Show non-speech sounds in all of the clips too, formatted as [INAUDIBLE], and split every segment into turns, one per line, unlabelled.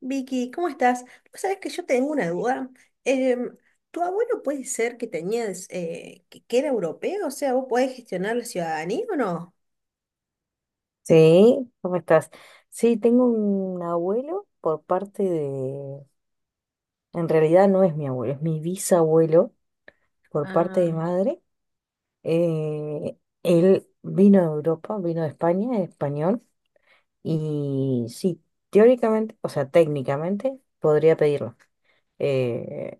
Vicky, ¿cómo estás? Vos sabés que yo tengo una duda. Em, ¿Tu abuelo puede ser que tenías, que era europeo? O sea, ¿vos podés gestionar la ciudadanía o no?
Sí, ¿cómo estás? Sí, tengo un abuelo por parte de... En realidad no es mi abuelo, es mi bisabuelo por parte
Ah,
de madre. Eh, Él vino de Europa, vino de España, es español, y sí, teóricamente, o sea, técnicamente podría pedirlo. Eh,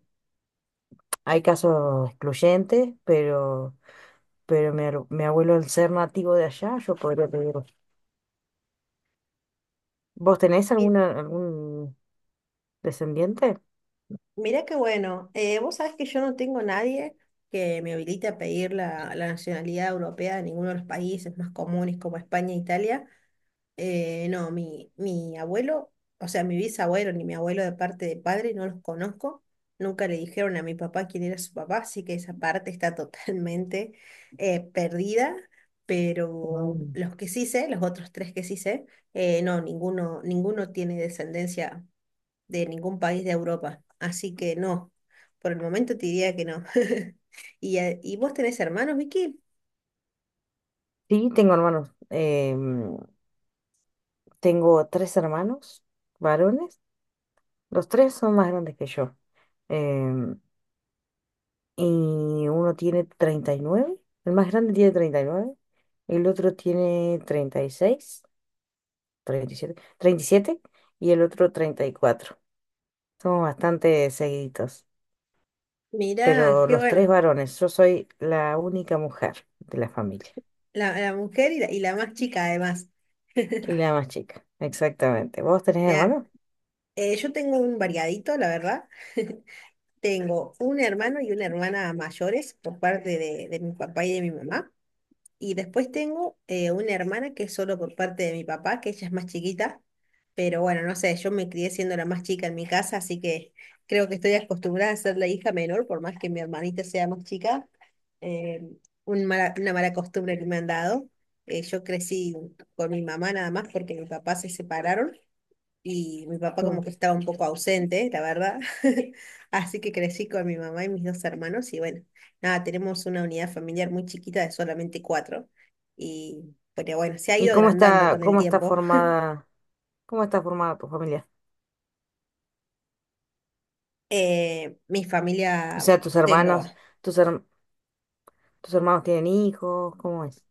Hay casos excluyentes, pero mi abuelo al ser nativo de allá, yo podría pedirlo. ¿Vos tenés
Mi-
alguna, algún descendiente?
Mirá qué bueno. Vos sabés que yo no tengo nadie que me habilite a pedir la nacionalidad europea de ninguno de los países más comunes como España e Italia. No, mi abuelo, o sea, mi bisabuelo ni mi abuelo de parte de padre no los conozco. Nunca le dijeron a mi papá quién era su papá, así que esa parte está [LAUGHS] totalmente perdida. Pero
Mm.
los que sí sé, los otros tres que sí sé, no, ninguno tiene descendencia de ningún país de Europa. Así que no, por el momento te diría que no. [LAUGHS] ¿Y vos tenés hermanos, Vicky?
Sí, tengo hermanos. Tengo tres hermanos varones. Los tres son más grandes que yo. em, y uno tiene 39. El más grande tiene 39. El otro tiene 36, 37 y el otro 34. Somos bastante seguiditos.
Mirá,
Pero
qué
los tres
bueno.
varones. Yo soy la única mujer de la familia.
La mujer y la más chica además.
Y la más chica. Exactamente. ¿Vos tenés
Mirá,
hermanos?
Yo tengo un variadito, la verdad. [LAUGHS] Tengo un hermano y una hermana mayores por parte de mi papá y de mi mamá. Y después tengo una hermana que es solo por parte de mi papá, que ella es más chiquita. Pero bueno, no sé, yo me crié siendo la más chica en mi casa, así que creo que estoy acostumbrada a ser la hija menor, por más que mi hermanita sea más chica. Eh, una mala costumbre que me han dado. Yo crecí con mi mamá nada más porque mi papá se separaron y mi papá como
Mm.
que estaba un poco ausente, la verdad. [LAUGHS] Así que crecí con mi mamá y mis dos hermanos y bueno, nada, tenemos una unidad familiar muy chiquita de solamente cuatro. Y pero bueno, se ha
¿Y
ido agrandando con el
cómo está
tiempo.
formada? ¿Cómo está formada tu familia?
Mi
O
familia
sea, tus
tengo,
hermanos, tus herm- tus hermanos tienen hijos, ¿cómo es?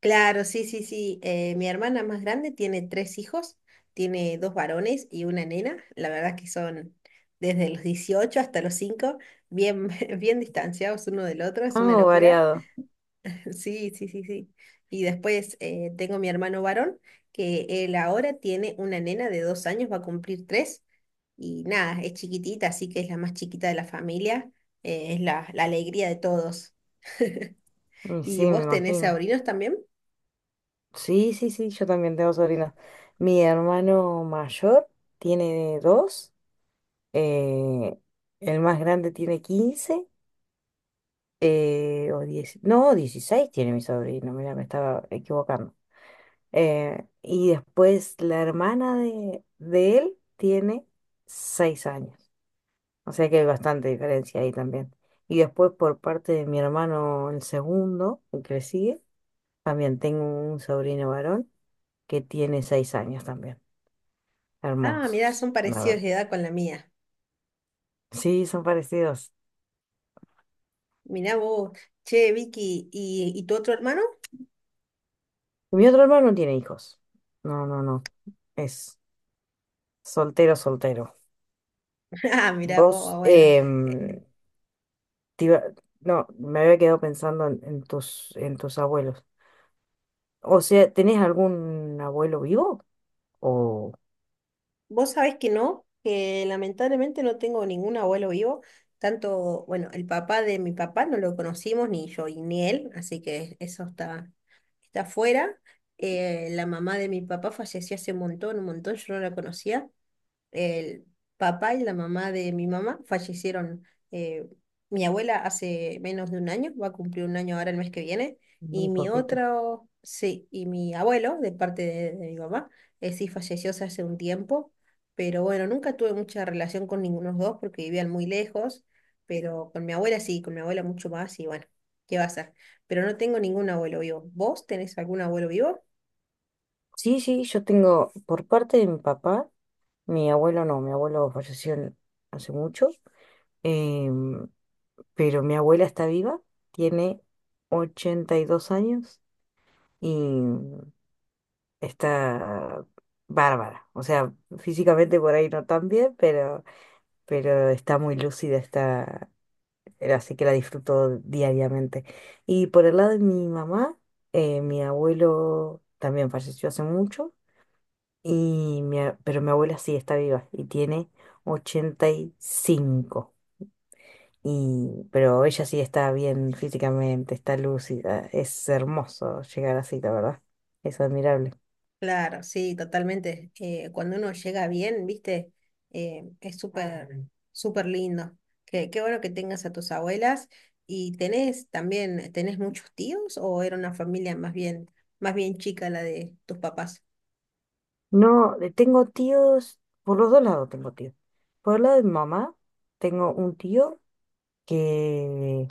claro, sí, sí, sí. Mi hermana más grande tiene tres hijos, tiene dos varones y una nena. La verdad que son desde los 18 hasta los 5 bien, [LAUGHS] bien distanciados uno del otro, es una
Ah,
locura.
variado.
Sí, sí, sí, sí. Y después tengo mi hermano varón, que él ahora tiene una nena de 2 años, va a cumplir tres. Y nada, es chiquitita, así que es la más chiquita de la familia. Es la alegría de todos.
Y sí,
¿Y
me
vos tenés
imagino.
sobrinos también?
Sí, sí, sí, yo también tengo sobrinos. Mi hermano mayor tiene dos. eh, el más grande tiene 15, o 10. No, 16 tiene mi sobrino, mira, me estaba equivocando. Y después la hermana de él tiene 6 años. O sea que hay bastante diferencia ahí también. Y después por parte de mi hermano, el segundo, el que le sigue, también tengo un sobrino varón que tiene 6 años también.
Ah, mirá,
Hermosos,
son
la verdad.
parecidos de edad con la mía.
Sí, son parecidos.
Mirá vos, che, Vicky, ¿y tu otro hermano?
Mi otro hermano no tiene hijos. No, no, no. Es soltero, soltero.
[LAUGHS] Ah, mirá vos,
Vos,
bueno.
te iba- no, me había quedado pensando en tus abuelos. O sea, ¿tenés algún abuelo vivo? O
Vos sabés que no, que lamentablemente no tengo ningún abuelo vivo, tanto, bueno, el papá de mi papá no lo conocimos, ni yo y ni él, así que eso está fuera. La mamá de mi papá falleció hace un montón, yo no la conocía el papá y la mamá de mi mamá fallecieron. eh, Mi abuela hace menos de un año, va a cumplir un año ahora el mes que viene, y
muy
mi
poquito.
otro, sí, y mi abuelo, de parte de mi mamá, sí falleció hace un tiempo, pero bueno, nunca tuve mucha relación con ninguno de los dos porque vivían muy lejos, pero con mi abuela sí, con mi abuela mucho más, y bueno, ¿qué va a ser? Pero no tengo ningún abuelo vivo. ¿Vos tenés algún abuelo vivo?
Sí, sí, yo tengo por parte de mi papá, mi abuelo no, mi abuelo falleció hace mucho. Em, pero mi abuela está viva, tiene 82 años y está bárbara. O sea, físicamente por ahí no tan bien, pero está muy lúcida, está, así que la disfruto diariamente. Y por el lado de mi mamá, mi abuelo también falleció hace mucho. Pero mi abuela sí está viva y tiene 85. Y, cinco. Y pero ella sí está bien físicamente, está lúcida. Es hermoso llegar así, la verdad. Es admirable.
Claro, sí, totalmente. Cuando uno llega bien, viste, es súper, súper lindo. Qué bueno que tengas a tus abuelas. ¿Y tenés también, tenés muchos tíos o era una familia más bien chica la de tus papás?
No, tengo tíos, por los dos lados tengo tíos. Por el lado de mi mamá, tengo un tío que,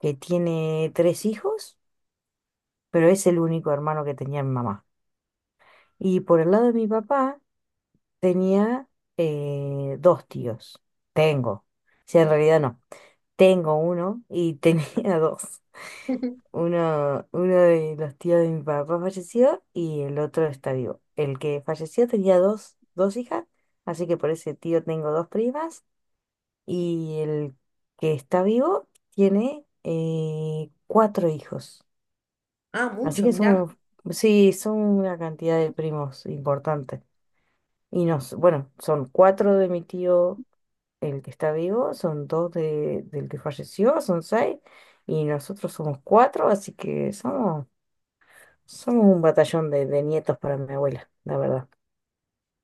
que tiene tres hijos, pero es el único hermano que tenía mi mamá. Y por el lado de mi papá, tenía dos tíos. Tengo. Si en realidad no. Tengo uno y [LAUGHS] tenía dos.
[LAUGHS]
Uno de los tíos de mi papá falleció y el otro está vivo. El que falleció tenía dos hijas, así que por ese tío tengo dos primas. Y el que está vivo tiene cuatro hijos.
Ah,
Así
mucho,
que
mirá.
son, sí, son una cantidad de primos importante. Y bueno, son cuatro de mi tío, el que está vivo, son dos del que falleció, son seis, y nosotros somos cuatro, así que somos un batallón de nietos para mi abuela, la verdad.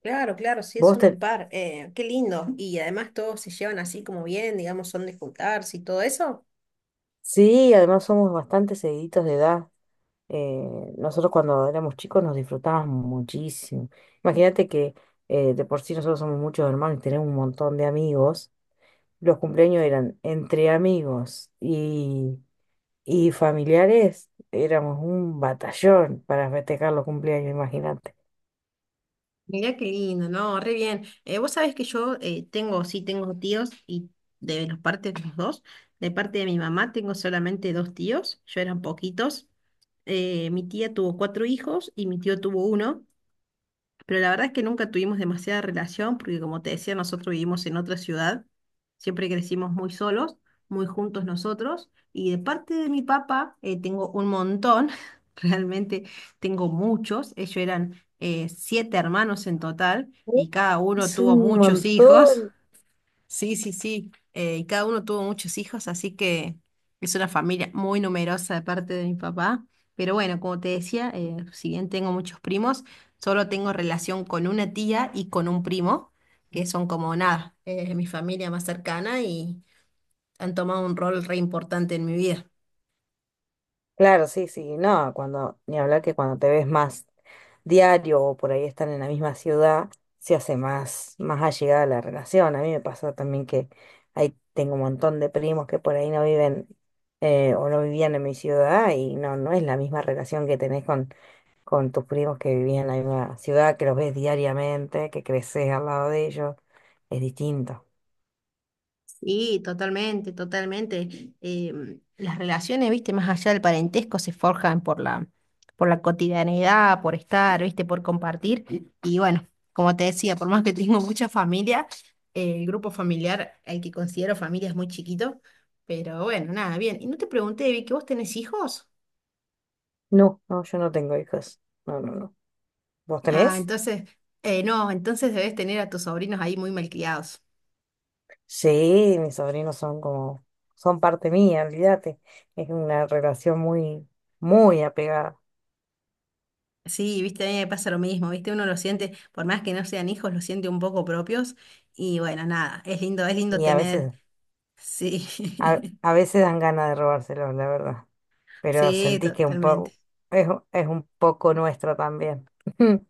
Claro, claro, sí,
Vos
son un
te...
par. Qué lindo. Y además todos se llevan así como bien, digamos, son de juntarse y todo eso.
Sí, además somos bastante seguiditos de edad. Nosotros cuando éramos chicos nos disfrutábamos muchísimo. Imagínate que de por sí nosotros somos muchos hermanos y tenemos un montón de amigos. Los cumpleaños eran entre amigos y familiares, éramos un batallón para festejar los cumpleaños, imagínate.
Mirá qué lindo, ¿no? Re bien. Vos sabés que yo tengo, sí, tengo tíos y de los partes de los dos. De parte de mi mamá tengo solamente dos tíos, yo eran poquitos. Mi tía tuvo cuatro hijos y mi tío tuvo uno. Pero la verdad es que nunca tuvimos demasiada relación porque, como te decía, nosotros vivimos en otra ciudad, siempre crecimos muy solos, muy juntos nosotros. Y de parte de mi papá tengo un montón, [LAUGHS] realmente tengo muchos. Ellos eran siete hermanos en total y cada uno
Es
tuvo
un
muchos hijos.
montón.
Sí, sí, sí. Y cada uno tuvo muchos hijos, así que es una familia muy numerosa de parte de mi papá. Pero bueno, como te decía, si bien tengo muchos primos, solo tengo relación con una tía y con un primo, que son como nada, mi familia más cercana y han tomado un rol re importante en mi vida.
Claro, sí, sí, no, cuando, ni hablar que cuando te ves más diario o por ahí están en la misma ciudad, se hace más, más allegada la relación. A mí me pasó también que ahí tengo un montón de primos que por ahí no viven, o no vivían en mi ciudad y no, no es la misma relación que tenés con tus primos que vivían en la misma ciudad, que los ves diariamente, que creces al lado de ellos, es distinto.
Sí, totalmente, totalmente. Las relaciones, viste, más allá del parentesco, se forjan por la, cotidianidad, por estar, viste, por compartir. Y bueno, como te decía, por más que tengo [LAUGHS] mucha familia, el grupo familiar, el que considero familia, es muy chiquito. Pero bueno, nada, bien. Y no te pregunté, vi que ¿vos tenés hijos?
No, no, yo no tengo hijos. No, no, no. ¿Vos
Ah,
tenés?
entonces, no, entonces debes tener a tus sobrinos ahí muy malcriados.
Sí, mis sobrinos son como, son parte mía, olvídate. Es una relación muy, muy apegada.
Sí, viste, a mí me pasa lo mismo, viste, uno lo siente, por más que no sean hijos, lo siente un poco propios y bueno, nada, es lindo
Y a
tener, sí, [LAUGHS]
veces dan ganas de robárselos, la verdad. Pero
sí,
sentís que un
totalmente.
poco, es un poco nuestro también. [LAUGHS]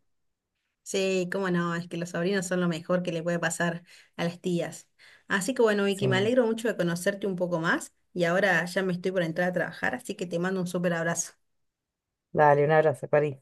Sí, cómo no, es que los sobrinos son lo mejor que le puede pasar a las tías. Así que bueno,
Sí.
Vicky, me alegro mucho de conocerte un poco más y ahora ya me estoy por entrar a trabajar, así que te mando un súper abrazo.
Dale, un abrazo, París.